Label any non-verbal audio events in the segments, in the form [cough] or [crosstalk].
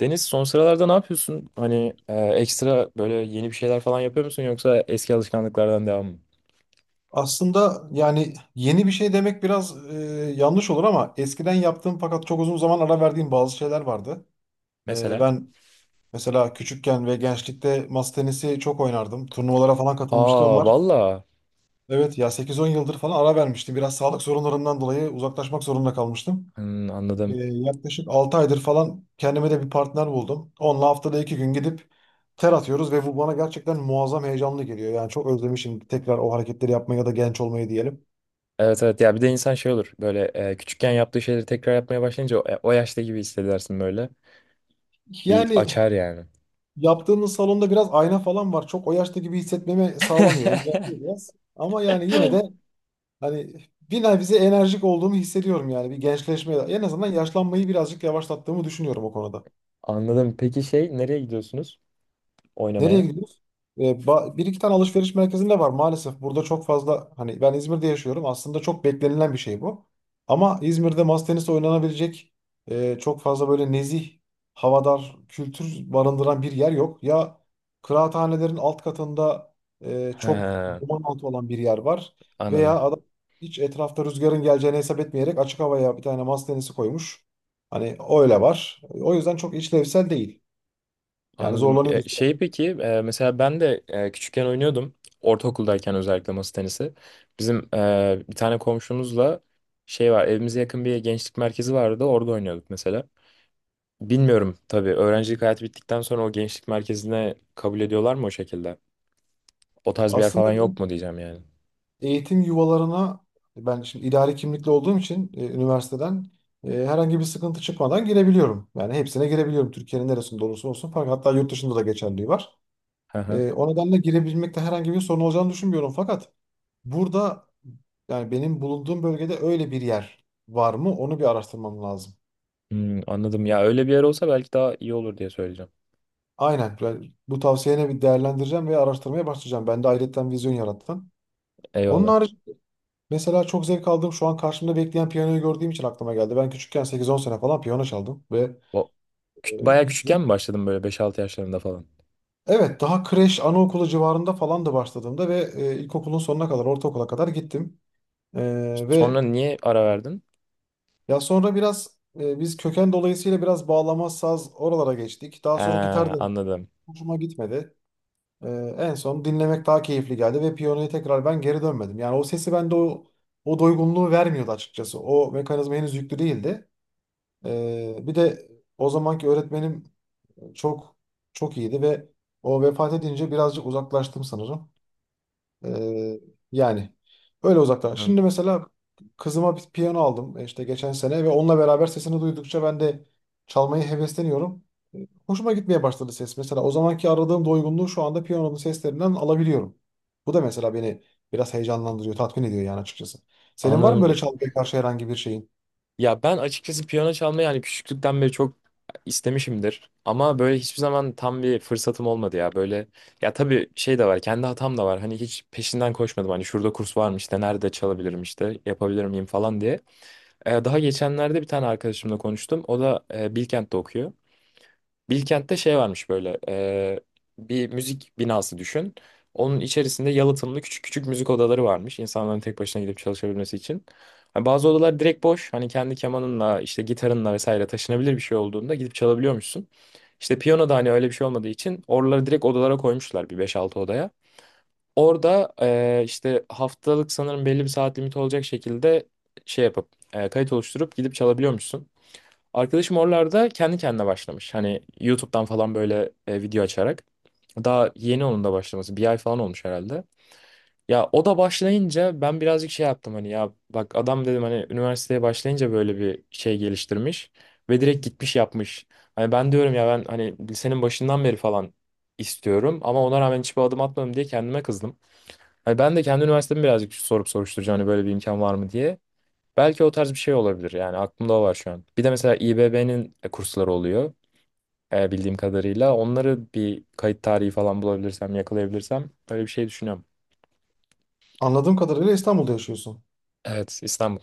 Deniz son sıralarda ne yapıyorsun? Hani ekstra böyle yeni bir şeyler falan yapıyor musun yoksa eski alışkanlıklardan devam mı? Aslında yani yeni bir şey demek biraz yanlış olur ama eskiden yaptığım fakat çok uzun zaman ara verdiğim bazı şeyler vardı. Mesela? Ben mesela küçükken ve gençlikte masa tenisi çok oynardım. Turnuvalara falan katılmışlığım Aa var. valla. Evet ya 8-10 yıldır falan ara vermiştim. Biraz sağlık sorunlarımdan dolayı uzaklaşmak zorunda kalmıştım. Hmm, anladım. Yaklaşık 6 aydır falan kendime de bir partner buldum. Onunla haftada 2 gün gidip ter atıyoruz ve bu bana gerçekten muazzam heyecanlı geliyor. Yani çok özlemişim tekrar o hareketleri yapmaya ya da genç olmayı diyelim. Evet evet, ya bir de insan şey olur böyle küçükken yaptığı şeyleri tekrar yapmaya başlayınca o, o yaşta gibi hissedersin böyle. Bir Yani, açar yani. yaptığınız salonda biraz ayna falan var. Çok o yaşta gibi hissetmemi sağlamıyor. Engelliyor biraz. Ama yani yine de [laughs] hani bir nebze enerjik olduğumu hissediyorum yani. Bir gençleşme. En azından yaşlanmayı birazcık yavaşlattığımı düşünüyorum o konuda. Anladım. Peki şey, nereye gidiyorsunuz Nereye oynamaya? gidiyoruz? Bir iki tane alışveriş merkezinde var maalesef. Burada çok fazla hani ben İzmir'de yaşıyorum. Aslında çok beklenilen bir şey bu. Ama İzmir'de masa tenisi oynanabilecek çok fazla böyle nezih, havadar, kültür barındıran bir yer yok. Ya kıraathanelerin alt katında çok He, duman altı olan bir yer var. anladım. Veya adam hiç etrafta rüzgarın geleceğini hesap etmeyerek açık havaya bir tane masa tenisi koymuş. Hani öyle var. O yüzden çok işlevsel değil. Yani Anladım. Zorlanıyoruz. Şey, peki mesela ben de küçükken oynuyordum. Ortaokuldayken özellikle masa tenisi. Bizim bir tane komşumuzla şey var, evimize yakın bir gençlik merkezi vardı, orada oynuyorduk mesela. Bilmiyorum tabii, öğrencilik hayatı bittikten sonra o gençlik merkezine kabul ediyorlar mı o şekilde? O tarz bir yer Aslında falan yok ben mu diyeceğim yani. eğitim yuvalarına, ben şimdi idari kimlikli olduğum için üniversiteden herhangi bir sıkıntı çıkmadan girebiliyorum. Yani hepsine girebiliyorum. Türkiye'nin neresinde olursa olsun. Fakat hatta yurt dışında da geçerliği var. Hı hı. O nedenle girebilmekte herhangi bir sorun olacağını düşünmüyorum. Fakat burada, yani benim bulunduğum bölgede öyle bir yer var mı? Onu bir araştırmam lazım. Hmm, anladım, ya öyle bir yer olsa belki daha iyi olur diye söyleyeceğim. Aynen. Ben bu tavsiyene bir değerlendireceğim ve araştırmaya başlayacağım. Ben de ayrıca vizyon yarattın. Onun Eyvallah. harici, mesela çok zevk aldığım şu an karşımda bekleyen piyanoyu gördüğüm için aklıma geldi. Ben küçükken 8-10 sene falan piyano çaldım ve O, e, bayağı küçükken hiç- mi başladın böyle beş altı yaşlarında falan? evet daha kreş anaokulu civarında falan da başladığımda ve ilkokulun sonuna kadar, ortaokula kadar gittim. E, Sonra ve niye ara verdin? Ya sonra biraz biz köken dolayısıyla biraz bağlama, saz oralara geçtik. Daha He, sonra gitar da anladım. hoşuma gitmedi. E, En son dinlemek daha keyifli geldi ve piyanoya tekrar ben geri dönmedim. Yani o sesi bende o doygunluğu vermiyordu açıkçası. O mekanizma henüz yüklü değildi. Bir de o zamanki öğretmenim çok çok iyiydi ve o vefat edince birazcık uzaklaştım sanırım. Ee, Yani öyle uzaklar. Anladım. Şimdi mesela kızıma bir piyano aldım işte geçen sene, ve onunla beraber sesini duydukça ben de çalmayı hevesleniyorum. Hoşuma gitmeye başladı ses. Mesela o zamanki aradığım doygunluğu şu anda piyanonun seslerinden alabiliyorum. Bu da mesela beni biraz heyecanlandırıyor, tatmin ediyor yani açıkçası. Senin var mı böyle Anladım. çalmaya karşı herhangi bir şeyin? Ya ben açıkçası piyano çalmayı yani küçüklükten beri çok istemişimdir. Ama böyle hiçbir zaman tam bir fırsatım olmadı ya. Böyle, ya tabii şey de var, kendi hatam da var. Hani hiç peşinden koşmadım. Hani şurada kurs varmış, işte nerede çalabilirim, işte yapabilir miyim falan diye. Daha geçenlerde bir tane arkadaşımla konuştum. O da Bilkent'te okuyor. Bilkent'te şey varmış böyle, bir müzik binası düşün. Onun içerisinde yalıtımlı küçük küçük müzik odaları varmış. İnsanların tek başına gidip çalışabilmesi için. Hani bazı odalar direkt boş. Hani kendi kemanınla, işte gitarınla vesaire, taşınabilir bir şey olduğunda gidip çalabiliyormuşsun. İşte piyano da hani öyle bir şey olmadığı için oraları direkt odalara koymuşlar, bir beş altı odaya. Orada işte haftalık, sanırım belli bir saat limiti olacak şekilde şey yapıp kayıt oluşturup gidip çalabiliyormuşsun. Arkadaşım oralarda kendi kendine başlamış. Hani YouTube'dan falan böyle video açarak. Daha yeni onun da başlaması. Bir ay falan olmuş herhalde. Ya o da başlayınca ben birazcık şey yaptım, hani ya bak adam dedim, hani üniversiteye başlayınca böyle bir şey geliştirmiş ve direkt gitmiş yapmış. Hani ben diyorum ya, ben hani lisenin başından beri falan istiyorum ama ona rağmen hiçbir adım atmadım diye kendime kızdım. Hani ben de kendi üniversitemi birazcık sorup soruşturacağım, hani böyle bir imkan var mı diye. Belki o tarz bir şey olabilir, yani aklımda o var şu an. Bir de mesela İBB'nin kursları oluyor, bildiğim kadarıyla. Onları bir kayıt tarihi falan bulabilirsem, yakalayabilirsem öyle bir şey düşünüyorum. Anladığım kadarıyla İstanbul'da yaşıyorsun. Evet, İstanbul.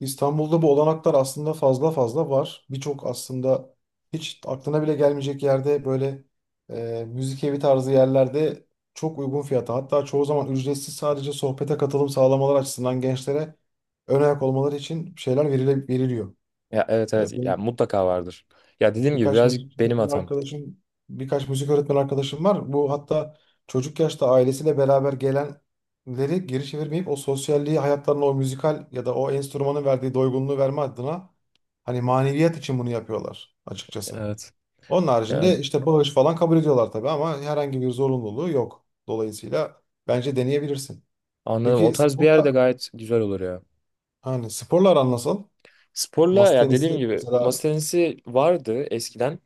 İstanbul'da bu olanaklar aslında fazla fazla var. Birçok aslında hiç aklına bile gelmeyecek yerde böyle müzik evi tarzı yerlerde çok uygun fiyata, hatta çoğu zaman ücretsiz, sadece sohbete katılım sağlamalar açısından gençlere ön ayak olmaları için şeyler veriliyor. Ya evet E, evet, ya mutlaka vardır. Ya dediğim gibi Birkaç birazcık müzik benim öğretmen hatam. arkadaşım, birkaç müzik öğretmen arkadaşım var. Bu hatta çocuk yaşta ailesiyle beraber gelenleri geri çevirmeyip o sosyalliği hayatlarına, o müzikal ya da o enstrümanın verdiği doygunluğu verme adına hani maneviyat için bunu yapıyorlar açıkçası. Evet. Onun Yani haricinde işte bağış falan kabul ediyorlar tabii, ama herhangi bir zorunluluğu yok. Dolayısıyla bence deneyebilirsin. anladım. O Peki tarz bir yerde sporla, gayet güzel olur ya. hani sporlar nasıl? Sporla Masa ya dediğim tenisi gibi, masa mesela. tenisi vardı eskiden.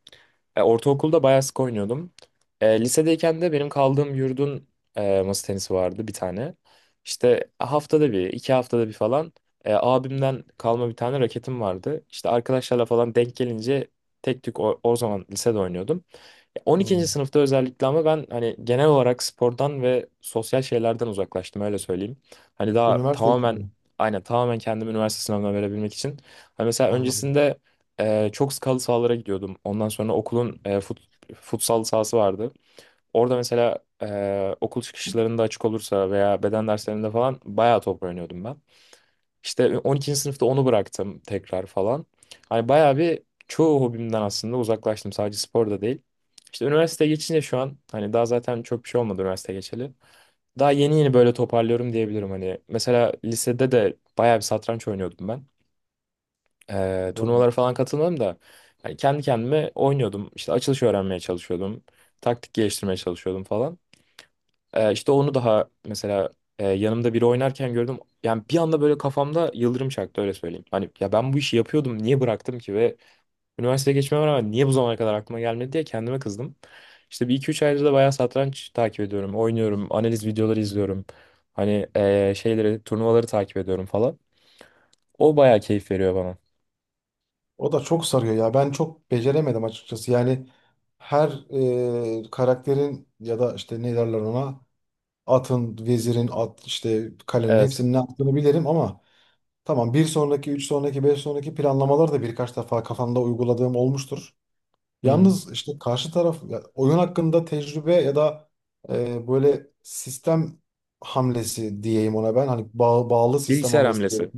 Ortaokulda bayağı sık oynuyordum. Lisedeyken de benim kaldığım yurdun masa tenisi vardı bir tane. İşte haftada bir, iki haftada bir falan abimden kalma bir tane raketim vardı. İşte arkadaşlarla falan denk gelince tek tük o, o zaman lisede oynuyordum. 12. hmm, sınıfta özellikle, ama ben hani genel olarak spordan ve sosyal şeylerden uzaklaştım öyle söyleyeyim. Hani daha Üniversite için tamamen, mi? aynen, tamamen kendimi üniversite sınavına verebilmek için. Hani mesela Anladım. öncesinde çok skalı sahalara gidiyordum. Ondan sonra okulun futsal sahası vardı. Orada mesela okul çıkışlarında açık olursa veya beden derslerinde falan bayağı top oynuyordum ben. İşte 12. sınıfta onu bıraktım tekrar falan. Hani bayağı bir çoğu hobimden aslında uzaklaştım. Sadece spor da değil. İşte üniversiteye geçince şu an hani daha zaten çok bir şey olmadı üniversite geçeli. Daha yeni yeni böyle toparlıyorum diyebilirim hani. Mesela lisede de bayağı bir satranç oynuyordum ben, turnuvalara falan katılmadım da yani kendi kendime oynuyordum. İşte açılış öğrenmeye çalışıyordum. Taktik geliştirmeye çalışıyordum falan. İşte onu daha mesela yanımda biri oynarken gördüm. Yani bir anda böyle kafamda yıldırım çaktı öyle söyleyeyim. Hani ya ben bu işi yapıyordum, niye bıraktım ki ve üniversiteye geçmeme rağmen niye bu zamana kadar aklıma gelmedi diye kendime kızdım. İşte bir iki üç aydır da bayağı satranç takip ediyorum, oynuyorum, analiz videoları izliyorum. Hani şeyleri, turnuvaları takip ediyorum falan. O bayağı keyif veriyor bana. O da çok sarıyor ya. Ben çok beceremedim açıkçası. Yani her karakterin ya da işte ne derler ona, atın, vezirin, at işte kalenin Evet. hepsinin ne yaptığını bilirim ama tamam, bir sonraki, üç sonraki, beş sonraki planlamaları da birkaç defa kafamda uyguladığım olmuştur. Yalnız işte karşı taraf, ya oyun hakkında tecrübe ya da böyle sistem hamlesi diyeyim ona ben. Hani bağlı sistem Bilgisayar hamlesi diyorum. hamlesi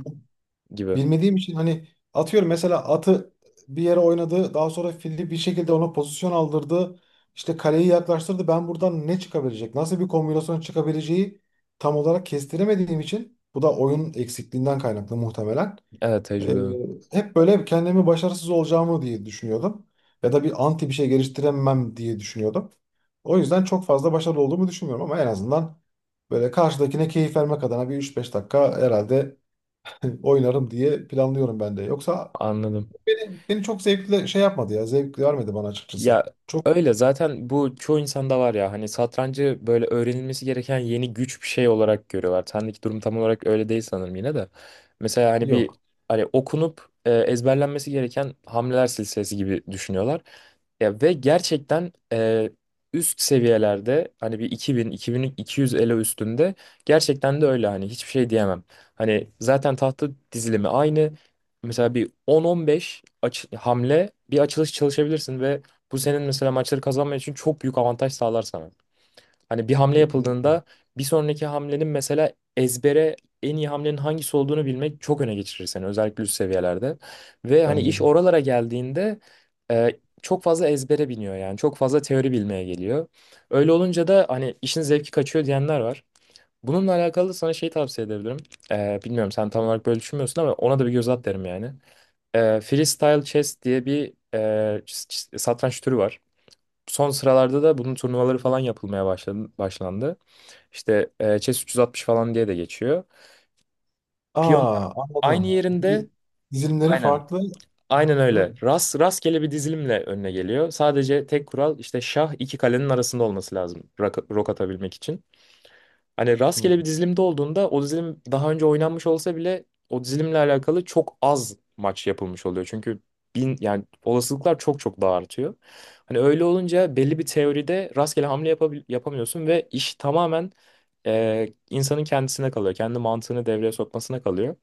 gibi. Bilmediğim için hani atıyorum, mesela atı bir yere oynadı. Daha sonra fili bir şekilde ona pozisyon aldırdı. İşte kaleyi yaklaştırdı. Ben buradan ne çıkabilecek? Nasıl bir kombinasyon çıkabileceği tam olarak kestiremediğim için, bu da oyun eksikliğinden kaynaklı muhtemelen. Evet, Ee, tecrübe. Hep böyle kendimi başarısız olacağımı diye düşünüyordum. Ya da bir anti bir şey geliştiremem diye düşünüyordum. O yüzden çok fazla başarılı olduğumu düşünmüyorum ama en azından böyle karşıdakine keyif vermek adına bir üç beş dakika herhalde [laughs] oynarım diye planlıyorum ben de. Yoksa Anladım. beni çok zevkli şey yapmadı ya. Zevk vermedi bana açıkçası. Ya öyle zaten, bu çoğu insanda var ya, hani satrancı böyle öğrenilmesi gereken yeni güç bir şey olarak görüyorlar. Sendeki durum tam olarak öyle değil sanırım yine de. Mesela hani bir, Yok. hani okunup ezberlenmesi gereken hamleler silsilesi gibi düşünüyorlar. Ya ve gerçekten üst seviyelerde hani bir 2000 2200 ele üstünde gerçekten de öyle, hani hiçbir şey diyemem. Hani zaten tahta dizilimi aynı. Mesela bir 10-15 hamle bir açılış çalışabilirsin ve bu senin mesela maçları kazanman için çok büyük avantaj sağlar sana. Hani bir hamle Kesinlikle. yapıldığında bir sonraki hamlenin mesela ezbere en iyi hamlenin hangisi olduğunu bilmek çok öne geçirir seni, özellikle üst seviyelerde. Ve hani Bence iş de. oralara geldiğinde e, çok fazla ezbere biniyor, yani çok fazla teori bilmeye geliyor. Öyle olunca da hani işin zevki kaçıyor diyenler var. Bununla alakalı sana şey tavsiye edebilirim. Bilmiyorum, sen tam olarak böyle düşünmüyorsun ama ona da bir göz at derim yani. Freestyle chess diye bir satranç türü var, son sıralarda da bunun turnuvaları falan yapılmaya başladı, başlandı. İşte Chess 360 falan diye de geçiyor. Piyonlar Aa, aynı anladım. yerinde, Dizilimleri aynen, farklı. aynen Değil öyle. mi? Rast, rastgele bir dizilimle önüne geliyor. Sadece tek kural işte, şah iki kalenin arasında olması lazım rok atabilmek için. Hani Hı. rastgele bir dizilimde olduğunda o dizilim daha önce oynanmış olsa bile o dizilimle alakalı çok az maç yapılmış oluyor. Çünkü bin, yani olasılıklar çok çok daha artıyor. Hani öyle olunca belli bir teoride rastgele hamle yapamıyorsun ve iş tamamen insanın kendisine kalıyor. Kendi mantığını devreye sokmasına kalıyor.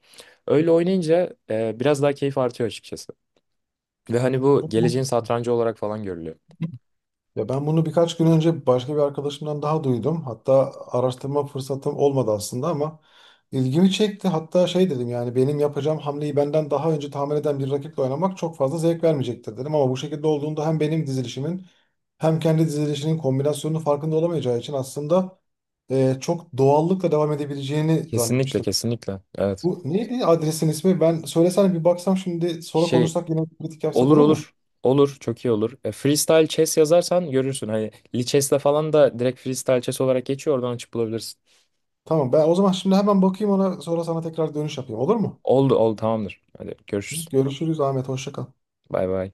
Öyle oynayınca biraz daha keyif artıyor açıkçası. Ve hani bu Çok mu? geleceğin satrancı olarak falan görülüyor. Ya ben bunu birkaç gün önce başka bir arkadaşımdan daha duydum. Hatta araştırma fırsatım olmadı aslında ama ilgimi çekti. Hatta şey dedim, yani benim yapacağım hamleyi benden daha önce tahmin eden bir rakiple oynamak çok fazla zevk vermeyecektir dedim. Ama bu şekilde olduğunda hem benim dizilişimin hem kendi dizilişinin kombinasyonunun farkında olamayacağı için aslında çok doğallıkla devam edebileceğini Kesinlikle, zannetmiştim. kesinlikle. Evet. Bu neydi adresin ismi? Ben söylesene, bir baksam şimdi, sonra Şey. konuşsak yine, kritik yapsak, Olur, olur mu? olur. Olur. Çok iyi olur. Freestyle chess yazarsan görürsün. Hani Lee Chess'le falan da direkt freestyle chess olarak geçiyor. Oradan açıp bulabilirsin. Tamam, ben o zaman şimdi hemen bakayım ona, sonra sana tekrar dönüş yapayım, olur mu? Oldu, oldu, tamamdır. Hadi görüşürüz. Görüşürüz Ahmet. Hoşça kal. Bay bay.